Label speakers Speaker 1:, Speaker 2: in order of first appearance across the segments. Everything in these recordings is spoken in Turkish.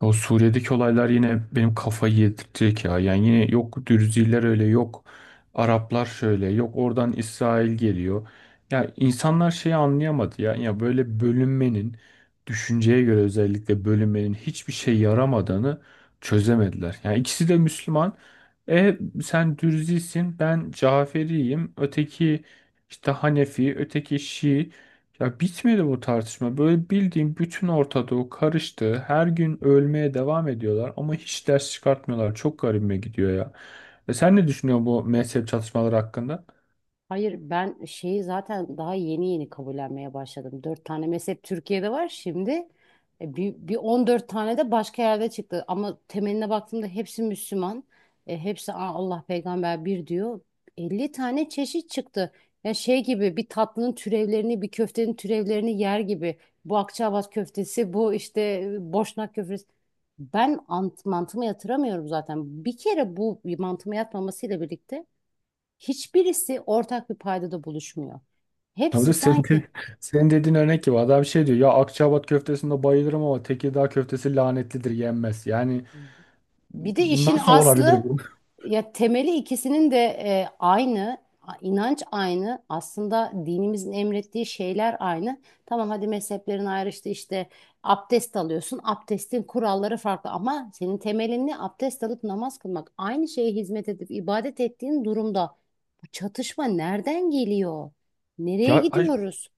Speaker 1: O Suriye'deki olaylar yine benim kafayı yedirtecek ya. Yani yine yok Dürziler öyle, yok Araplar şöyle, yok oradan İsrail geliyor. Ya insanlar şeyi anlayamadı ya. Ya böyle bölünmenin düşünceye göre özellikle bölünmenin hiçbir şey yaramadığını çözemediler. Yani ikisi de Müslüman. E sen Dürzisin, ben Caferiyim, öteki işte Hanefi, öteki Şii. Ya bitmedi bu tartışma. Böyle bildiğin bütün Orta Doğu karıştı. Her gün ölmeye devam ediyorlar ama hiç ders çıkartmıyorlar. Çok garibime gidiyor ya. E sen ne düşünüyorsun bu mezhep çatışmaları hakkında?
Speaker 2: Hayır ben şeyi zaten daha yeni yeni kabullenmeye başladım. Dört tane mezhep Türkiye'de var şimdi. Bir 14 tane de başka yerde çıktı. Ama temeline baktığımda hepsi Müslüman. E, hepsi, "Aa, Allah peygamber bir," diyor. 50 tane çeşit çıktı. Ya şey gibi, bir tatlının türevlerini, bir köftenin türevlerini yer gibi. Bu Akçaabat köftesi, bu işte Boşnak köftesi. Ben mantıma yatıramıyorum zaten. Bir kere bu mantıma yatmamasıyla birlikte hiçbirisi ortak bir paydada buluşmuyor.
Speaker 1: Tabii de
Speaker 2: Hepsi
Speaker 1: senin,
Speaker 2: sanki
Speaker 1: senin dediğin örnek gibi adam şey diyor ya Akçaabat köftesinde bayılırım ama Tekirdağ köftesi lanetlidir yenmez. Yani
Speaker 2: bir de işin
Speaker 1: nasıl olabilir
Speaker 2: aslı,
Speaker 1: bu?
Speaker 2: ya temeli ikisinin de aynı, inanç aynı, aslında dinimizin emrettiği şeyler aynı. Tamam, hadi mezheplerin ayrıştı işte, abdest alıyorsun, abdestin kuralları farklı, ama senin temelin ne? Abdest alıp namaz kılmak, aynı şeye hizmet edip ibadet ettiğin durumda bu çatışma nereden geliyor? Nereye
Speaker 1: Ya ay,
Speaker 2: gidiyoruz?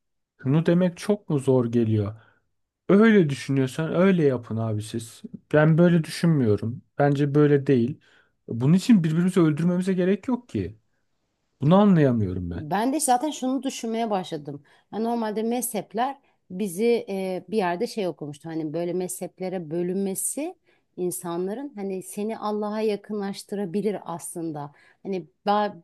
Speaker 1: şunu demek çok mu zor geliyor? Öyle düşünüyorsan öyle yapın abi siz. Ben böyle düşünmüyorum. Bence böyle değil. Bunun için birbirimizi öldürmemize gerek yok ki. Bunu anlayamıyorum ben.
Speaker 2: Ben de zaten şunu düşünmeye başladım. Ya normalde mezhepler bizi bir yerde şey okumuştu. Hani böyle mezheplere bölünmesi insanların, hani seni Allah'a yakınlaştırabilir aslında. Hani ba-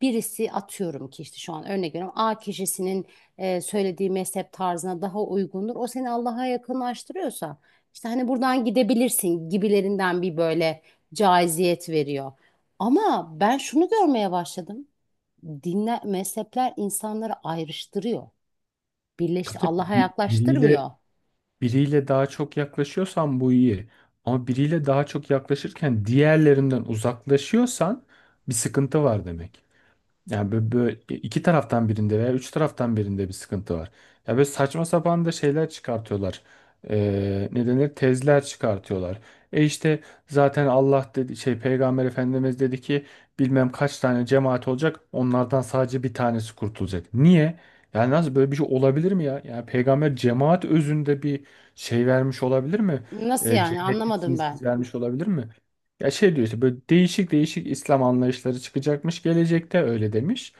Speaker 2: Birisi, atıyorum ki işte, şu an örnek veriyorum, A kişisinin söylediği mezhep tarzına daha uygundur. O seni Allah'a yakınlaştırıyorsa, işte hani buradan gidebilirsin gibilerinden, bir böyle caiziyet veriyor. Ama ben şunu görmeye başladım: dinler, mezhepler insanları ayrıştırıyor.
Speaker 1: Tabii
Speaker 2: Birleşti,
Speaker 1: tabii,
Speaker 2: Allah'a
Speaker 1: biriyle
Speaker 2: yaklaştırmıyor.
Speaker 1: biriyle daha çok yaklaşıyorsan bu iyi. Ama biriyle daha çok yaklaşırken diğerlerinden uzaklaşıyorsan bir sıkıntı var demek. Yani böyle, böyle iki taraftan birinde veya üç taraftan birinde bir sıkıntı var. Ya böyle saçma sapan da şeyler çıkartıyorlar. Ne denir? Tezler çıkartıyorlar. E işte zaten Allah dedi şey Peygamber Efendimiz dedi ki bilmem kaç tane cemaat olacak onlardan sadece bir tanesi kurtulacak. Niye? Yani nasıl böyle bir şey olabilir mi ya? Yani peygamber cemaat özünde bir şey vermiş olabilir mi?
Speaker 2: Nasıl
Speaker 1: E,
Speaker 2: yani, anlamadım
Speaker 1: cennetlisiniz siz
Speaker 2: ben.
Speaker 1: vermiş olabilir mi? Ya şey diyor işte böyle değişik değişik İslam anlayışları çıkacakmış gelecekte öyle demiş.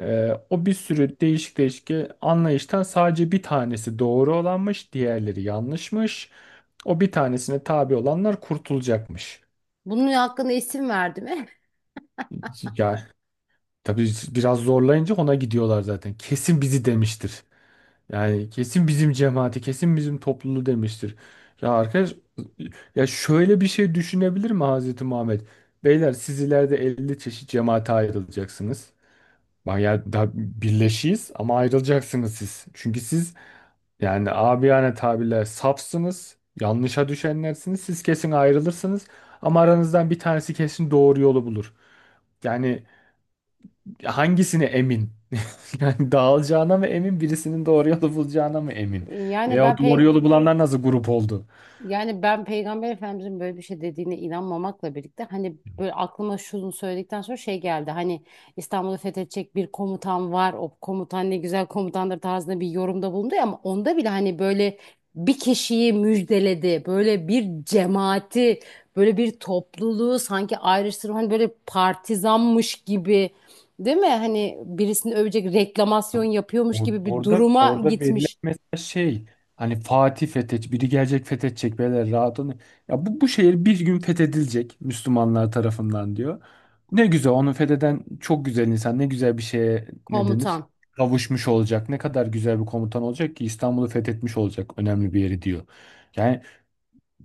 Speaker 1: O bir sürü değişik değişik anlayıştan sadece bir tanesi doğru olanmış, diğerleri yanlışmış. O bir tanesine tabi olanlar kurtulacakmış.
Speaker 2: Bunun hakkında isim verdi mi?
Speaker 1: Ya tabii biraz zorlayınca ona gidiyorlar zaten. Kesin bizi demiştir. Yani kesin bizim cemaati, kesin bizim topluluğu demiştir. Ya arkadaş, ya şöyle bir şey düşünebilir mi Hazreti Muhammed? Beyler siz ileride 50 çeşit cemaate ayrılacaksınız. Bak ya da birleşiyiz ama ayrılacaksınız siz. Çünkü siz yani abiyane tabirle safsınız, yanlışa düşenlersiniz. Siz kesin ayrılırsınız ama aranızdan bir tanesi kesin doğru yolu bulur. Yani hangisine emin? Yani dağılacağına mı emin, birisinin doğru yolu bulacağına mı emin?
Speaker 2: Yani
Speaker 1: Veya o
Speaker 2: ben
Speaker 1: doğru
Speaker 2: pek
Speaker 1: yolu bulanlar nasıl grup oldu?
Speaker 2: Yani ben Peygamber Efendimizin böyle bir şey dediğine inanmamakla birlikte, hani böyle aklıma şunu söyledikten sonra şey geldi. Hani İstanbul'u fethedecek bir komutan var. O komutan ne güzel komutandır tarzında bir yorumda bulundu ya, ama onda bile hani böyle bir kişiyi müjdeledi. Böyle bir cemaati, böyle bir topluluğu sanki ayrıştırma, hani böyle partizanmış gibi, değil mi? Hani birisini övecek, reklamasyon yapıyormuş gibi bir
Speaker 1: Orada
Speaker 2: duruma
Speaker 1: orada verilen
Speaker 2: gitmiş
Speaker 1: mesela şey hani Fatih fethet, biri gelecek fethedecek beyler rahat olun. Ya bu şehir bir gün fethedilecek Müslümanlar tarafından diyor. Ne güzel onu fetheden çok güzel insan ne güzel bir şeye ne denir?
Speaker 2: komutan.
Speaker 1: Kavuşmuş olacak. Ne kadar güzel bir komutan olacak ki İstanbul'u fethetmiş olacak önemli bir yeri diyor. Yani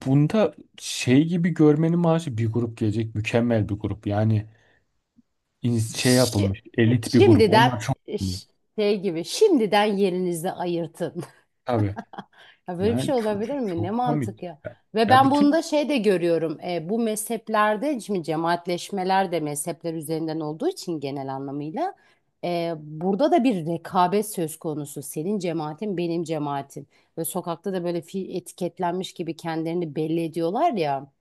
Speaker 1: bunda şey gibi görmenin maaşı bir grup gelecek mükemmel bir grup. Yani şey
Speaker 2: Şi-
Speaker 1: yapılmış elit bir grup.
Speaker 2: şimdiden
Speaker 1: Onlar çok iyi.
Speaker 2: ş- Şey gibi, şimdiden yerinizi ayırtın.
Speaker 1: Tabii.
Speaker 2: Ya böyle bir
Speaker 1: Yani
Speaker 2: şey
Speaker 1: çok, çok,
Speaker 2: olabilir mi? Ne
Speaker 1: çok
Speaker 2: mantık
Speaker 1: komik.
Speaker 2: ya. Ve
Speaker 1: Ya
Speaker 2: ben bunu
Speaker 1: bütün,
Speaker 2: da şey de görüyorum. E, bu mezheplerde şimdi cemaatleşmeler de mezhepler üzerinden olduğu için, genel anlamıyla burada da bir rekabet söz konusu. Senin cemaatin, benim cemaatim. Ve sokakta da böyle etiketlenmiş gibi kendilerini belli ediyorlar ya.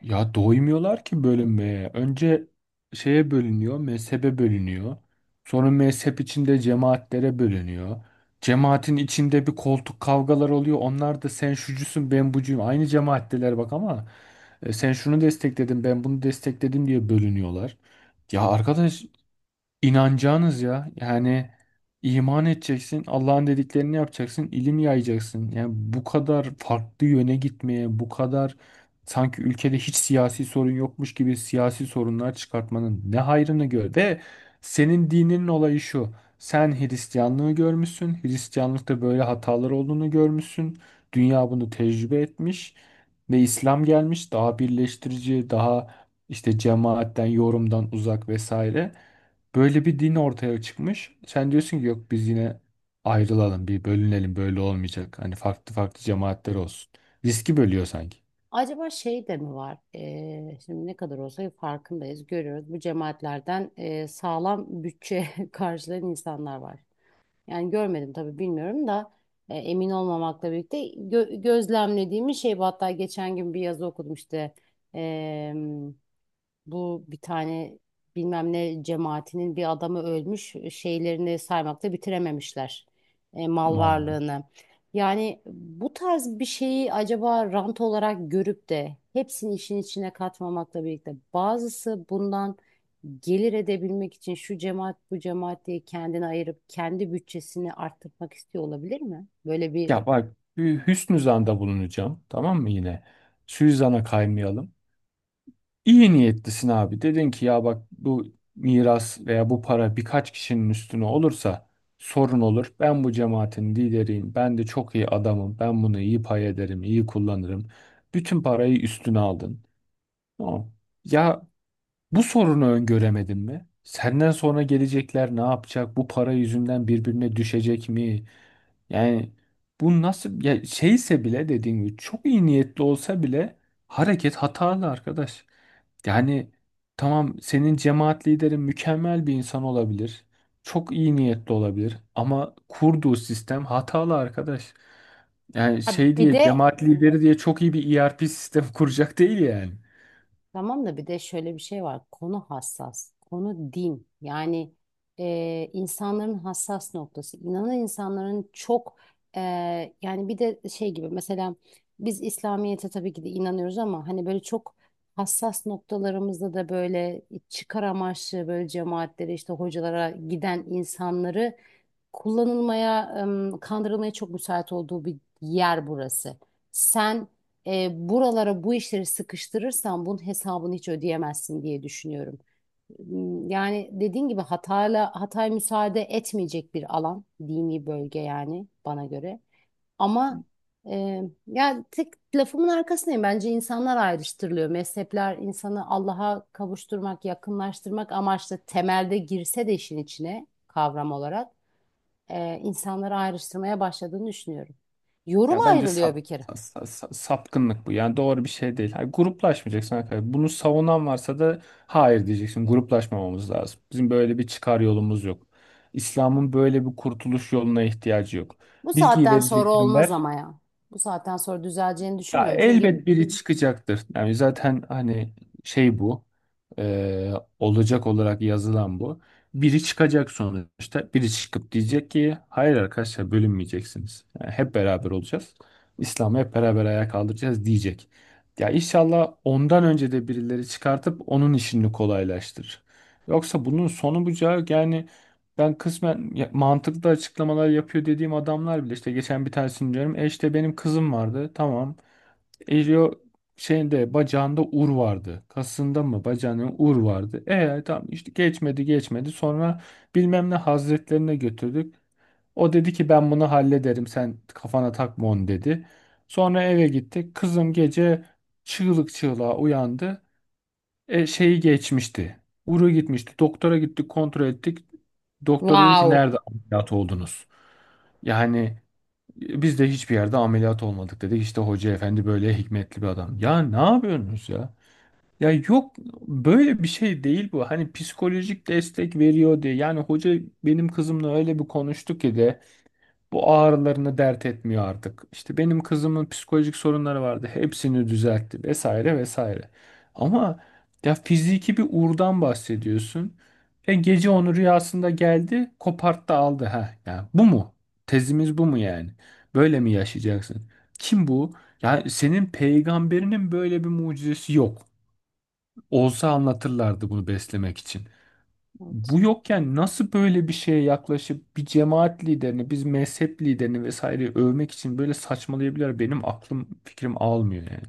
Speaker 1: ya doymuyorlar ki bölünmeye. Önce şeye bölünüyor, mezhebe bölünüyor. Sonra mezhep içinde cemaatlere bölünüyor. Cemaatin içinde bir koltuk kavgalar oluyor. Onlar da sen şucusun ben bucuyum. Aynı cemaatteler bak ama sen şunu destekledin ben bunu destekledim diye bölünüyorlar. Ya arkadaş İnanacağınız ya. Yani iman edeceksin, Allah'ın dediklerini yapacaksın, ilim yayacaksın. Yani bu kadar farklı yöne gitmeye, bu kadar sanki ülkede hiç siyasi sorun yokmuş gibi siyasi sorunlar çıkartmanın ne hayrını gör. Ve senin dininin olayı şu. Sen Hristiyanlığı görmüşsün. Hristiyanlıkta böyle hatalar olduğunu görmüşsün. Dünya bunu tecrübe etmiş ve İslam gelmiş daha birleştirici, daha işte cemaatten, yorumdan uzak vesaire. Böyle bir din ortaya çıkmış. Sen diyorsun ki yok biz yine ayrılalım, bir bölünelim böyle olmayacak. Hani farklı farklı cemaatler olsun. Riski bölüyor sanki.
Speaker 2: Acaba şey de mi var? Şimdi ne kadar olsa farkındayız, görüyoruz. Bu cemaatlerden sağlam bütçe karşılayan insanlar var. Yani görmedim tabii, bilmiyorum da emin olmamakla birlikte gözlemlediğimiz şey bu. Hatta geçen gün bir yazı okudum, işte bu bir tane bilmem ne cemaatinin bir adamı ölmüş, şeylerini saymakta bitirememişler mal
Speaker 1: Vallahi.
Speaker 2: varlığını. Yani bu tarz bir şeyi acaba rant olarak görüp de, hepsini işin içine katmamakla birlikte, bazısı bundan gelir edebilmek için şu cemaat bu cemaat diye kendini ayırıp kendi bütçesini arttırmak istiyor olabilir mi? Böyle bir
Speaker 1: Ya bak bir hüsnü zanda bulunacağım tamam mı yine? Suizana kaymayalım. İyi niyetlisin abi. Dedin ki ya bak bu miras veya bu para birkaç kişinin üstüne olursa sorun olur. Ben bu cemaatin lideriyim. Ben de çok iyi adamım. Ben bunu iyi pay ederim, iyi kullanırım. Bütün parayı üstüne aldın. Tamam. Ya bu sorunu öngöremedin mi? Senden sonra gelecekler ne yapacak? Bu para yüzünden birbirine düşecek mi? Yani bu nasıl ya şeyse bile dediğim gibi çok iyi niyetli olsa bile hareket hatalı arkadaş. Yani tamam senin cemaat liderin mükemmel bir insan olabilir. Çok iyi niyetli olabilir ama kurduğu sistem hatalı arkadaş. Yani
Speaker 2: ha,
Speaker 1: şey
Speaker 2: bir
Speaker 1: diye
Speaker 2: de
Speaker 1: cemaat lideri diye çok iyi bir ERP sistem kuracak değil yani.
Speaker 2: tamam da, bir de şöyle bir şey var. Konu hassas. Konu din. Yani insanların hassas noktası. İnanan insanların çok e, yani bir de şey gibi, mesela biz İslamiyet'e tabii ki de inanıyoruz, ama hani böyle çok hassas noktalarımızda da böyle çıkar amaçlı, böyle cemaatlere işte hocalara giden insanları kullanılmaya, kandırılmaya çok müsait olduğu bir yer burası. Sen buralara bu işleri sıkıştırırsan bunun hesabını hiç ödeyemezsin diye düşünüyorum. M, Yani dediğin gibi, Hatay'la Hatay müsaade etmeyecek bir alan, dini bölge yani bana göre. Ama yani tek lafımın arkasındayım. Bence insanlar ayrıştırılıyor. Mezhepler, insanı Allah'a kavuşturmak, yakınlaştırmak amaçlı temelde girse de, işin içine kavram olarak insanları ayrıştırmaya başladığını düşünüyorum. Yorum
Speaker 1: Ya bence
Speaker 2: ayrılıyor bir kere.
Speaker 1: sapkınlık bu. Yani doğru bir şey değil. Hayır, gruplaşmayacaksın arkadaşlar. Bunu savunan varsa da hayır diyeceksin. Gruplaşmamamız lazım. Bizim böyle bir çıkar yolumuz yok. İslam'ın böyle bir kurtuluş yoluna ihtiyacı yok.
Speaker 2: Bu
Speaker 1: Bilgiyi
Speaker 2: saatten sonra
Speaker 1: vereceksin
Speaker 2: olmaz
Speaker 1: ver.
Speaker 2: ama ya. Bu saatten sonra düzeleceğini
Speaker 1: Ya
Speaker 2: düşünmüyorum. Çünkü
Speaker 1: elbet biri çıkacaktır. Yani zaten hani şey bu, e, olacak olarak yazılan bu. Biri çıkacak sonuçta. Biri çıkıp diyecek ki hayır arkadaşlar bölünmeyeceksiniz. Yani hep beraber olacağız. İslam'ı hep beraber ayağa kaldıracağız diyecek. Ya inşallah ondan önce de birileri çıkartıp onun işini kolaylaştırır. Yoksa bunun sonu bucağı yani ben kısmen mantıklı açıklamalar yapıyor dediğim adamlar bile işte geçen bir tanesini diyorum. E işte benim kızım vardı. Tamam. Elio şeyinde bacağında ur vardı. Kasında mı bacağının ur vardı. E tamam işte geçmedi. Sonra bilmem ne hazretlerine götürdük. O dedi ki ben bunu hallederim sen kafana takma onu dedi. Sonra eve gittik. Kızım gece çığlık çığlığa uyandı. E, şeyi geçmişti. Uru gitmişti. Doktora gittik kontrol ettik. Doktor dedi ki
Speaker 2: wow.
Speaker 1: nerede ameliyat oldunuz? Yani biz de hiçbir yerde ameliyat olmadık dedi. İşte hoca efendi böyle hikmetli bir adam. Ya ne yapıyorsunuz ya? Ya yok böyle bir şey değil bu. Hani psikolojik destek veriyor diye. Yani hoca benim kızımla öyle bir konuştu ki de. Bu ağrılarını dert etmiyor artık. İşte benim kızımın psikolojik sorunları vardı. Hepsini düzeltti vesaire vesaire. Ama ya fiziki bir uğurdan bahsediyorsun. E gece onu rüyasında geldi, koparttı aldı. Ha, ya bu mu? Tezimiz bu mu yani? Böyle mi yaşayacaksın? Kim bu? Ya senin peygamberinin böyle bir mucizesi yok. Olsa anlatırlardı bunu beslemek için.
Speaker 2: Evet.
Speaker 1: Bu yokken nasıl böyle bir şeye yaklaşıp bir cemaat liderini, biz mezhep liderini vesaire övmek için böyle saçmalayabilir benim aklım fikrim almıyor yani.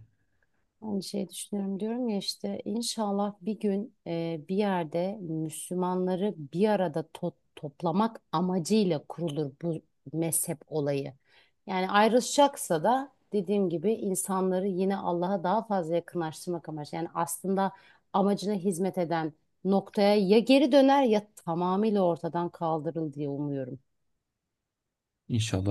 Speaker 2: Aynı şeyi düşünüyorum diyorum ya, işte inşallah bir gün bir yerde Müslümanları bir arada toplamak amacıyla kurulur bu mezhep olayı. Yani ayrışacaksa da, dediğim gibi, insanları yine Allah'a daha fazla yakınlaştırmak amacı. Yani aslında amacına hizmet eden noktaya ya geri döner, ya tamamıyla ortadan kaldırıl diye umuyorum.
Speaker 1: İnşallah